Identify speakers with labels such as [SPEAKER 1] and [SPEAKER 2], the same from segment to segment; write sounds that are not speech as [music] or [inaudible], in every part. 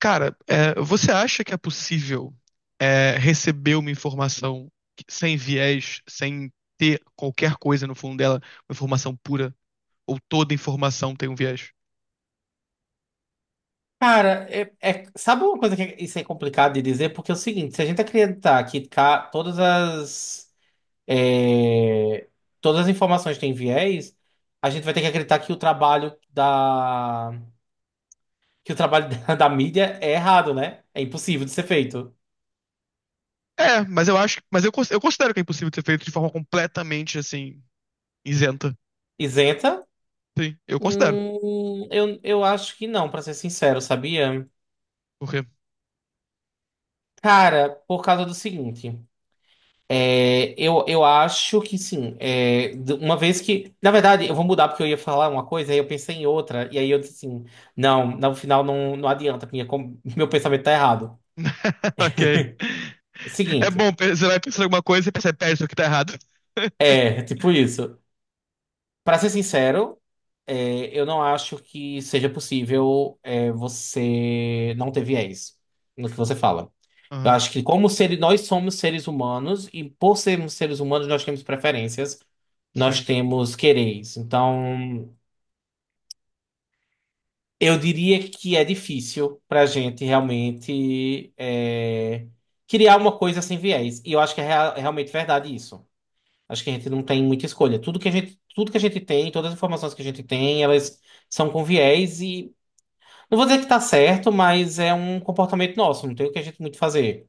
[SPEAKER 1] Cara, você acha que é possível receber uma informação sem viés, sem ter qualquer coisa no fundo dela, uma informação pura, ou toda informação tem um viés?
[SPEAKER 2] Cara, sabe uma coisa que isso é complicado de dizer? Porque é o seguinte, se a gente acreditar que todas é, as informações têm viés, a gente vai ter que acreditar que o trabalho da que o trabalho [laughs] da mídia é errado, né? É impossível de ser feito.
[SPEAKER 1] É, mas eu acho, eu considero que é impossível de ser feito de forma completamente assim, isenta.
[SPEAKER 2] Isenta?
[SPEAKER 1] Sim, eu considero.
[SPEAKER 2] Eu acho que não, pra ser sincero, sabia?
[SPEAKER 1] Por quê?
[SPEAKER 2] Cara, por causa do seguinte. Eu acho que sim. Uma vez que. Na verdade, eu vou mudar porque eu ia falar uma coisa, aí eu pensei em outra, e aí eu disse assim: não, no final não, não adianta, porque [laughs] meu pensamento tá errado.
[SPEAKER 1] [laughs] Ok. É
[SPEAKER 2] Seguinte,
[SPEAKER 1] bom, você vai pensando em alguma coisa e percebe, pera, isso aqui tá errado. [laughs]
[SPEAKER 2] tipo isso. Pra ser sincero, eu não acho que seja possível você não ter viés no que você fala. Eu
[SPEAKER 1] Aham,
[SPEAKER 2] acho que, como seres, nós somos seres humanos, e por sermos seres humanos, nós temos preferências, nós
[SPEAKER 1] sim.
[SPEAKER 2] temos quereres. Então. Eu diria que é difícil para a gente realmente criar uma coisa sem viés. E eu acho que é realmente verdade isso. Acho que a gente não tem muita escolha. Tudo que a gente tem, todas as informações que a gente tem, elas são com viés e não vou dizer que está certo, mas é um comportamento nosso. Não tem o que a gente muito fazer.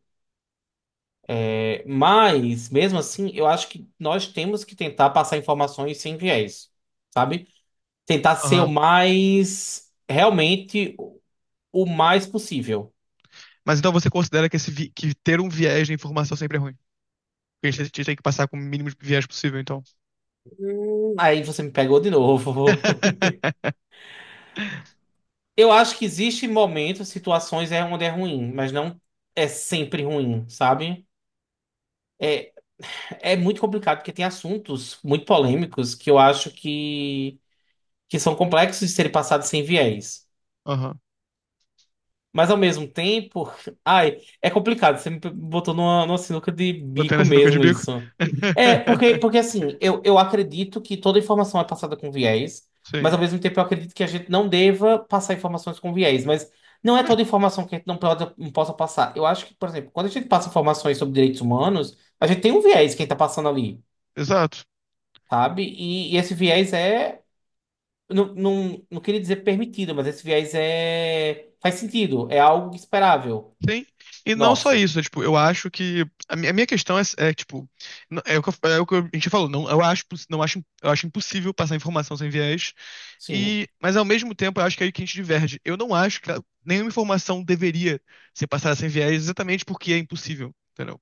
[SPEAKER 2] É, mas mesmo assim, eu acho que nós temos que tentar passar informações sem viés, sabe? Tentar ser o
[SPEAKER 1] Aham.
[SPEAKER 2] mais realmente o mais possível.
[SPEAKER 1] Mas então você considera que, que ter um viés de informação sempre é ruim? Porque a gente que passar com o mínimo de viés possível, então.
[SPEAKER 2] Aí você me pegou de novo.
[SPEAKER 1] [laughs]
[SPEAKER 2] [laughs] Eu acho que existem momentos, situações onde é ruim, mas não é sempre ruim, sabe? É muito complicado porque tem assuntos muito polêmicos que que são complexos de serem passados sem viés.
[SPEAKER 1] Aham.
[SPEAKER 2] Mas ao mesmo tempo, ai, é complicado. Você me botou numa sinuca de
[SPEAKER 1] Botando
[SPEAKER 2] bico
[SPEAKER 1] assim no canto de
[SPEAKER 2] mesmo
[SPEAKER 1] bico.
[SPEAKER 2] isso. Porque
[SPEAKER 1] [laughs]
[SPEAKER 2] assim, eu acredito que toda informação é passada com viés, mas
[SPEAKER 1] Sim,
[SPEAKER 2] ao mesmo tempo eu acredito que a gente não deva passar informações com viés. Mas não é toda informação que a gente não possa passar. Eu acho que, por exemplo, quando a gente passa informações sobre direitos humanos, a gente tem um viés quem tá passando ali,
[SPEAKER 1] exato.
[SPEAKER 2] sabe? E esse viés é. Não, não, não queria dizer permitido, mas esse viés, faz sentido, é algo esperável.
[SPEAKER 1] Sim. E não só
[SPEAKER 2] Nosso.
[SPEAKER 1] isso, né? Tipo, eu acho que. A minha questão é, é, tipo, é o que, é o que a gente falou, não, não acho, eu acho impossível passar informação sem viés.
[SPEAKER 2] Sim.
[SPEAKER 1] E, mas ao mesmo tempo, eu acho que é aí que a gente diverge. Eu não acho que nenhuma informação deveria ser passada sem viés, exatamente porque é impossível. Entendeu?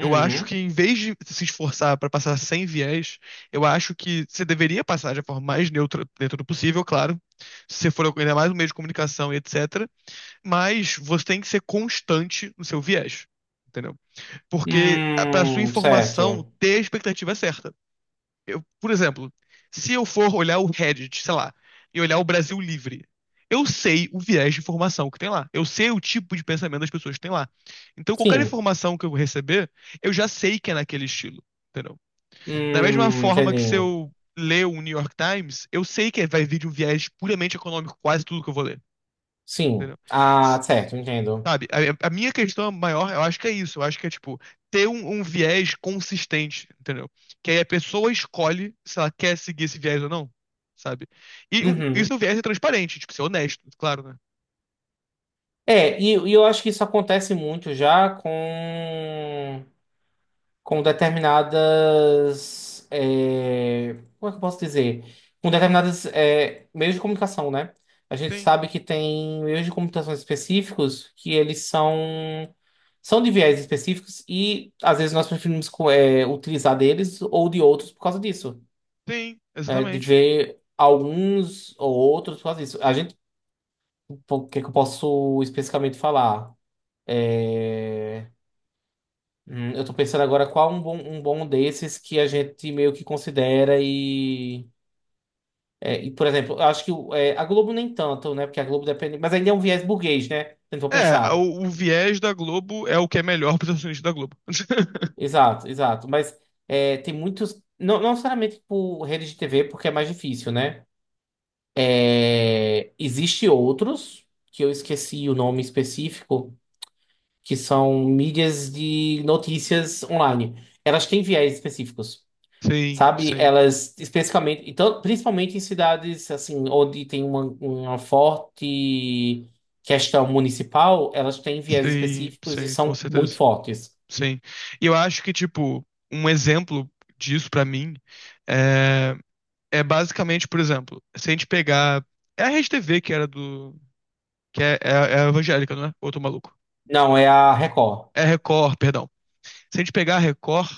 [SPEAKER 1] Eu acho que, em vez de se esforçar para passar sem viés, eu acho que você deveria passar de forma mais neutra dentro do possível, claro. Se você for ainda mais um meio de comunicação e etc. Mas você tem que ser constante no seu viés, entendeu? Porque, para sua informação
[SPEAKER 2] Certo.
[SPEAKER 1] ter a expectativa é certa. Eu, por exemplo, se eu for olhar o Reddit, sei lá, e olhar o Brasil Livre, eu sei o viés de informação que tem lá. Eu sei o tipo de pensamento das pessoas que tem lá. Então, qualquer
[SPEAKER 2] Sim.
[SPEAKER 1] informação que eu receber, eu já sei que é naquele estilo, entendeu? Da mesma forma que, se
[SPEAKER 2] Entendi.
[SPEAKER 1] eu ler o New York Times, eu sei que vai vir de um viés puramente econômico, quase tudo que eu vou ler.
[SPEAKER 2] Sim.
[SPEAKER 1] Entendeu?
[SPEAKER 2] Ah, certo, entendo.
[SPEAKER 1] Sabe, a minha questão maior, eu acho que é isso. Eu acho que é, tipo, ter um viés consistente, entendeu? Que aí a pessoa escolhe se ela quer seguir esse viés ou não, sabe? E um, isso
[SPEAKER 2] Uhum.
[SPEAKER 1] é um viés é transparente, tipo, ser honesto, claro, né?
[SPEAKER 2] E eu acho que isso acontece muito já com determinadas. Como é que eu posso dizer? Com determinadas meios de comunicação, né? A gente
[SPEAKER 1] Sim,
[SPEAKER 2] sabe que tem meios de comunicação específicos que eles são. São de viés específicos e às vezes nós preferimos utilizar deles ou de outros por causa disso.
[SPEAKER 1] sim,
[SPEAKER 2] É, de
[SPEAKER 1] exatamente.
[SPEAKER 2] ver alguns ou outros por causa disso. A gente, o que é que eu posso especificamente falar? É, eu tô pensando agora qual um bom desses que a gente meio que considera e. Por exemplo, eu acho que a Globo nem tanto, né? Porque a Globo depende. Mas ainda é um viés burguês, né? Se a gente for
[SPEAKER 1] É,
[SPEAKER 2] pensar.
[SPEAKER 1] o viés da Globo é o que é melhor [laughs] para os acionistas da Globo. [laughs]
[SPEAKER 2] Exato, exato. Mas tem muitos. Não, não necessariamente por rede de TV, porque é mais difícil, né? É, existe outros, que eu esqueci o nome específico, que são mídias de notícias online. Elas têm viés específicos,
[SPEAKER 1] Sim,
[SPEAKER 2] sabe?
[SPEAKER 1] sim,
[SPEAKER 2] Elas, especificamente, então, principalmente em cidades, assim, onde tem uma forte questão municipal, elas têm viés
[SPEAKER 1] sim,
[SPEAKER 2] específicos e
[SPEAKER 1] sim, com
[SPEAKER 2] são muito
[SPEAKER 1] certeza.
[SPEAKER 2] fortes.
[SPEAKER 1] Sim. E eu acho que, tipo, um exemplo disso pra mim é é basicamente, por exemplo, se a gente pegar. É a Rede TV que era do. Que é, é, é a evangélica, não é? Outro maluco.
[SPEAKER 2] Não, é a Record.
[SPEAKER 1] É a Record, perdão. Se a gente pegar a Record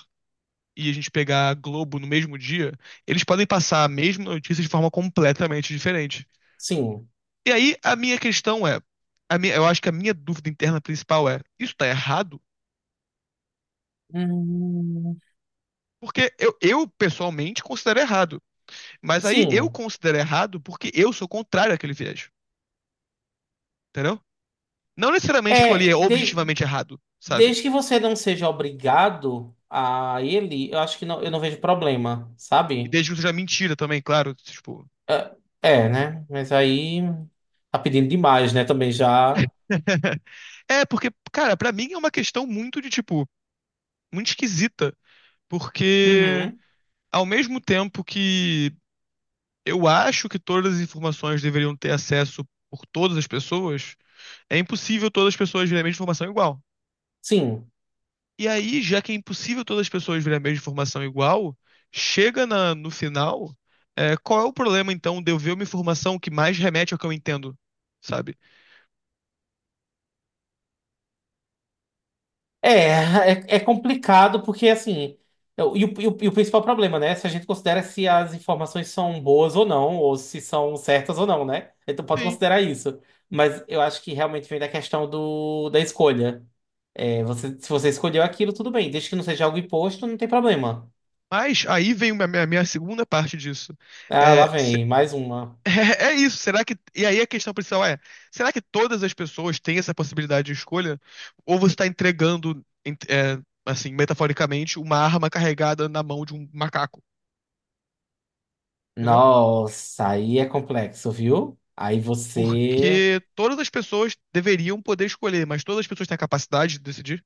[SPEAKER 1] e a gente pegar a Globo no mesmo dia, eles podem passar a mesma notícia de forma completamente diferente.
[SPEAKER 2] Sim.
[SPEAKER 1] E aí, a minha questão é. A minha, eu acho que a minha dúvida interna principal é: isso tá errado?
[SPEAKER 2] Hum,
[SPEAKER 1] Porque eu pessoalmente considero errado. Mas aí eu
[SPEAKER 2] sim.
[SPEAKER 1] considero errado porque eu sou contrário àquele viés. Entendeu? Não necessariamente aquilo ali é
[SPEAKER 2] É, de-
[SPEAKER 1] objetivamente errado, sabe?
[SPEAKER 2] Desde que você não seja obrigado a ele, eu acho que não, eu não vejo problema,
[SPEAKER 1] E
[SPEAKER 2] sabe?
[SPEAKER 1] desde que não seja mentira também, claro. Tipo.
[SPEAKER 2] É, né? Mas aí tá pedindo demais, né? Também já.
[SPEAKER 1] [laughs] É, porque, cara, pra mim é uma questão muito de, tipo, muito esquisita. Porque,
[SPEAKER 2] Uhum.
[SPEAKER 1] ao mesmo tempo que eu acho que todas as informações deveriam ter acesso por todas as pessoas, é impossível todas as pessoas verem a mesma informação igual.
[SPEAKER 2] Sim.
[SPEAKER 1] E aí, já que é impossível todas as pessoas verem a mesma informação igual, chega no final, é, qual é o problema, então, de eu ver uma informação que mais remete ao que eu entendo, sabe?
[SPEAKER 2] É, [laughs] é, é complicado porque assim. E o principal problema, né? Se a gente considera se as informações são boas ou não, ou se são certas ou não, né? Então pode considerar isso. Mas eu acho que realmente vem da questão da escolha. É, você, se você escolheu aquilo, tudo bem. Desde que não seja algo imposto, não tem problema.
[SPEAKER 1] Mas aí vem a minha segunda parte disso.
[SPEAKER 2] Ah, lá
[SPEAKER 1] É,
[SPEAKER 2] vem, mais uma.
[SPEAKER 1] [laughs] é isso, será que. E aí a questão principal é: será que todas as pessoas têm essa possibilidade de escolha? Ou você está entregando, assim, metaforicamente, uma arma carregada na mão de um macaco? Entendeu?
[SPEAKER 2] Nossa, aí é complexo, viu? Aí você,
[SPEAKER 1] Porque todas as pessoas deveriam poder escolher, mas todas as pessoas têm a capacidade de decidir?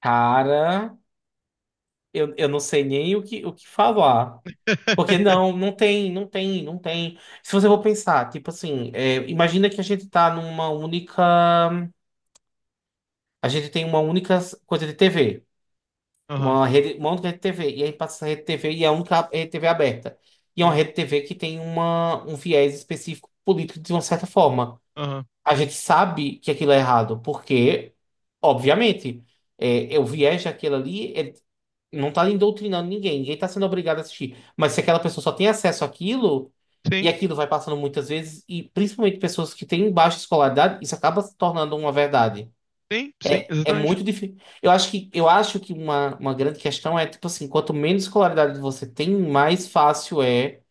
[SPEAKER 2] cara, eu não sei nem o que falar. Porque
[SPEAKER 1] [laughs]
[SPEAKER 2] não tem. Se você for pensar, tipo assim, é, imagina que a gente tá numa única. A gente tem uma única coisa de TV.
[SPEAKER 1] Aham,
[SPEAKER 2] Uma rede, uma única rede TV. E aí passa essa rede TV e é a única rede TV aberta. E é uma
[SPEAKER 1] sim.
[SPEAKER 2] rede TV que tem uma, um viés específico político de uma certa forma.
[SPEAKER 1] Aham.
[SPEAKER 2] A gente sabe que aquilo é errado, porque, obviamente, é o viés daquilo ali não está indoutrinando ninguém, ninguém está sendo obrigado a assistir. Mas se aquela pessoa só tem acesso àquilo, e
[SPEAKER 1] Sim,
[SPEAKER 2] aquilo vai passando muitas vezes, e principalmente pessoas que têm baixa escolaridade, isso acaba se tornando uma verdade.
[SPEAKER 1] sim, sim,
[SPEAKER 2] É, é
[SPEAKER 1] exatamente.
[SPEAKER 2] muito difícil. Eu acho que uma grande questão é, tipo assim, quanto menos escolaridade você tem, mais fácil é,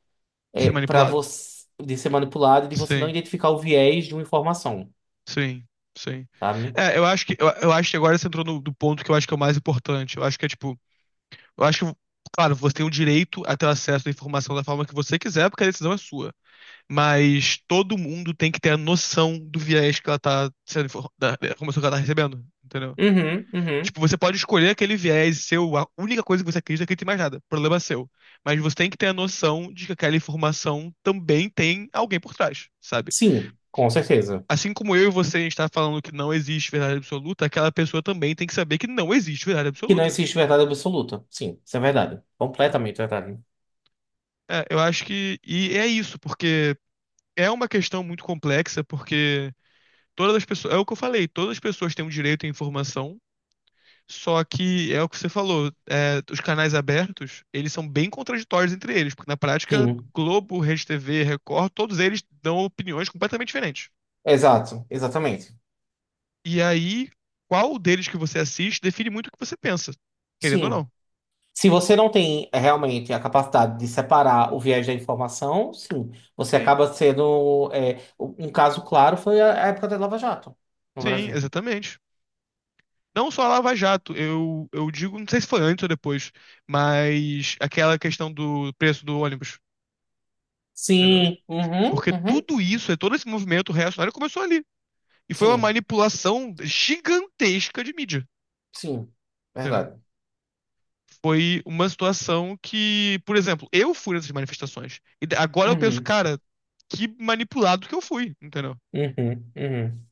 [SPEAKER 2] é
[SPEAKER 1] Ser
[SPEAKER 2] para
[SPEAKER 1] manipulado.
[SPEAKER 2] você de ser manipulado e de você não
[SPEAKER 1] Sim.
[SPEAKER 2] identificar o viés de uma informação,
[SPEAKER 1] Sim, sim.
[SPEAKER 2] sabe?
[SPEAKER 1] É, eu acho que eu acho que agora você entrou no do ponto que eu acho que é o mais importante. Eu acho que é tipo, eu acho que, claro, você tem o direito a ter acesso à informação da forma que você quiser, porque a decisão é sua. Mas todo mundo tem que ter a noção do viés que ela tá da da informação que ela tá recebendo, entendeu?
[SPEAKER 2] Uhum, uhum.
[SPEAKER 1] Tipo, você pode escolher aquele viés seu, a única coisa que você acredita é que não tem mais nada, problema seu. Mas você tem que ter a noção de que aquela informação também tem alguém por trás, sabe?
[SPEAKER 2] Sim, com certeza.
[SPEAKER 1] Assim como eu e você, a gente tá falando que não existe verdade absoluta, aquela pessoa também tem que saber que não existe verdade
[SPEAKER 2] Que não
[SPEAKER 1] absoluta,
[SPEAKER 2] existe verdade absoluta. Sim, isso é verdade.
[SPEAKER 1] entendeu?
[SPEAKER 2] Completamente verdade.
[SPEAKER 1] É, eu acho que. E é isso, porque é uma questão muito complexa, porque todas as pessoas. É o que eu falei, todas as pessoas têm o direito à informação, só que é o que você falou, é, os canais abertos, eles são bem contraditórios entre eles, porque, na prática,
[SPEAKER 2] Sim,
[SPEAKER 1] Globo, RedeTV, Record, todos eles dão opiniões completamente diferentes.
[SPEAKER 2] exato, exatamente.
[SPEAKER 1] E aí, qual deles que você assiste define muito o que você pensa, querendo ou
[SPEAKER 2] Sim.
[SPEAKER 1] não.
[SPEAKER 2] Se você não tem realmente a capacidade de separar o viés da informação, sim, você
[SPEAKER 1] Sim.
[SPEAKER 2] acaba sendo. É, um caso claro foi a época da Lava Jato no
[SPEAKER 1] Sim,
[SPEAKER 2] Brasil.
[SPEAKER 1] exatamente. Não só a Lava Jato, eu digo, não sei se foi antes ou depois, mas aquela questão do preço do ônibus, entendeu?
[SPEAKER 2] Sim, uhum,
[SPEAKER 1] Porque
[SPEAKER 2] uhum,
[SPEAKER 1] tudo isso, é todo esse movimento reacionário começou ali. E foi uma
[SPEAKER 2] sim,
[SPEAKER 1] manipulação gigantesca de mídia,
[SPEAKER 2] sim,
[SPEAKER 1] entendeu?
[SPEAKER 2] verdade.
[SPEAKER 1] Foi uma situação que, por exemplo, eu fui nessas manifestações. E agora eu penso,
[SPEAKER 2] Uhum,
[SPEAKER 1] cara, que manipulado que eu fui, entendeu?
[SPEAKER 2] uhum, uhum.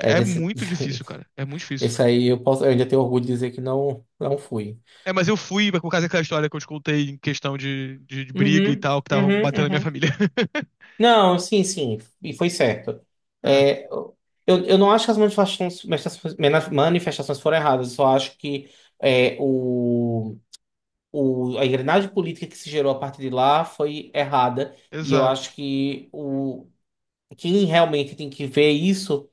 [SPEAKER 2] É
[SPEAKER 1] é
[SPEAKER 2] desse,
[SPEAKER 1] muito difícil, cara.
[SPEAKER 2] [laughs]
[SPEAKER 1] É muito difícil.
[SPEAKER 2] esse aí eu posso, eu ainda tenho orgulho de dizer que não, não fui.
[SPEAKER 1] É, mas eu fui por causa daquela história que eu te contei em questão de briga e
[SPEAKER 2] Uhum,
[SPEAKER 1] tal, que estavam
[SPEAKER 2] uhum,
[SPEAKER 1] batendo na minha
[SPEAKER 2] uhum.
[SPEAKER 1] família. [laughs]
[SPEAKER 2] Não, sim, sim, e foi certo.
[SPEAKER 1] É,
[SPEAKER 2] É, eu, eu não acho que as manifestações foram erradas, eu só acho que é, o, o, a engrenagem política que se gerou a partir de lá foi errada, e eu
[SPEAKER 1] exato.
[SPEAKER 2] acho que o, quem realmente tem que ver isso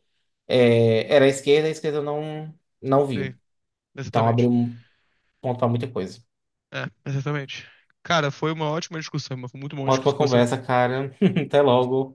[SPEAKER 2] era a esquerda, e a esquerda não viu.
[SPEAKER 1] Sim,
[SPEAKER 2] Então
[SPEAKER 1] exatamente.
[SPEAKER 2] abriu um ponto para muita coisa.
[SPEAKER 1] É, exatamente. Cara, foi uma ótima discussão, mas foi muito bom
[SPEAKER 2] Uma
[SPEAKER 1] discutir isso
[SPEAKER 2] ótima
[SPEAKER 1] com você.
[SPEAKER 2] conversa, cara. [laughs] Até logo.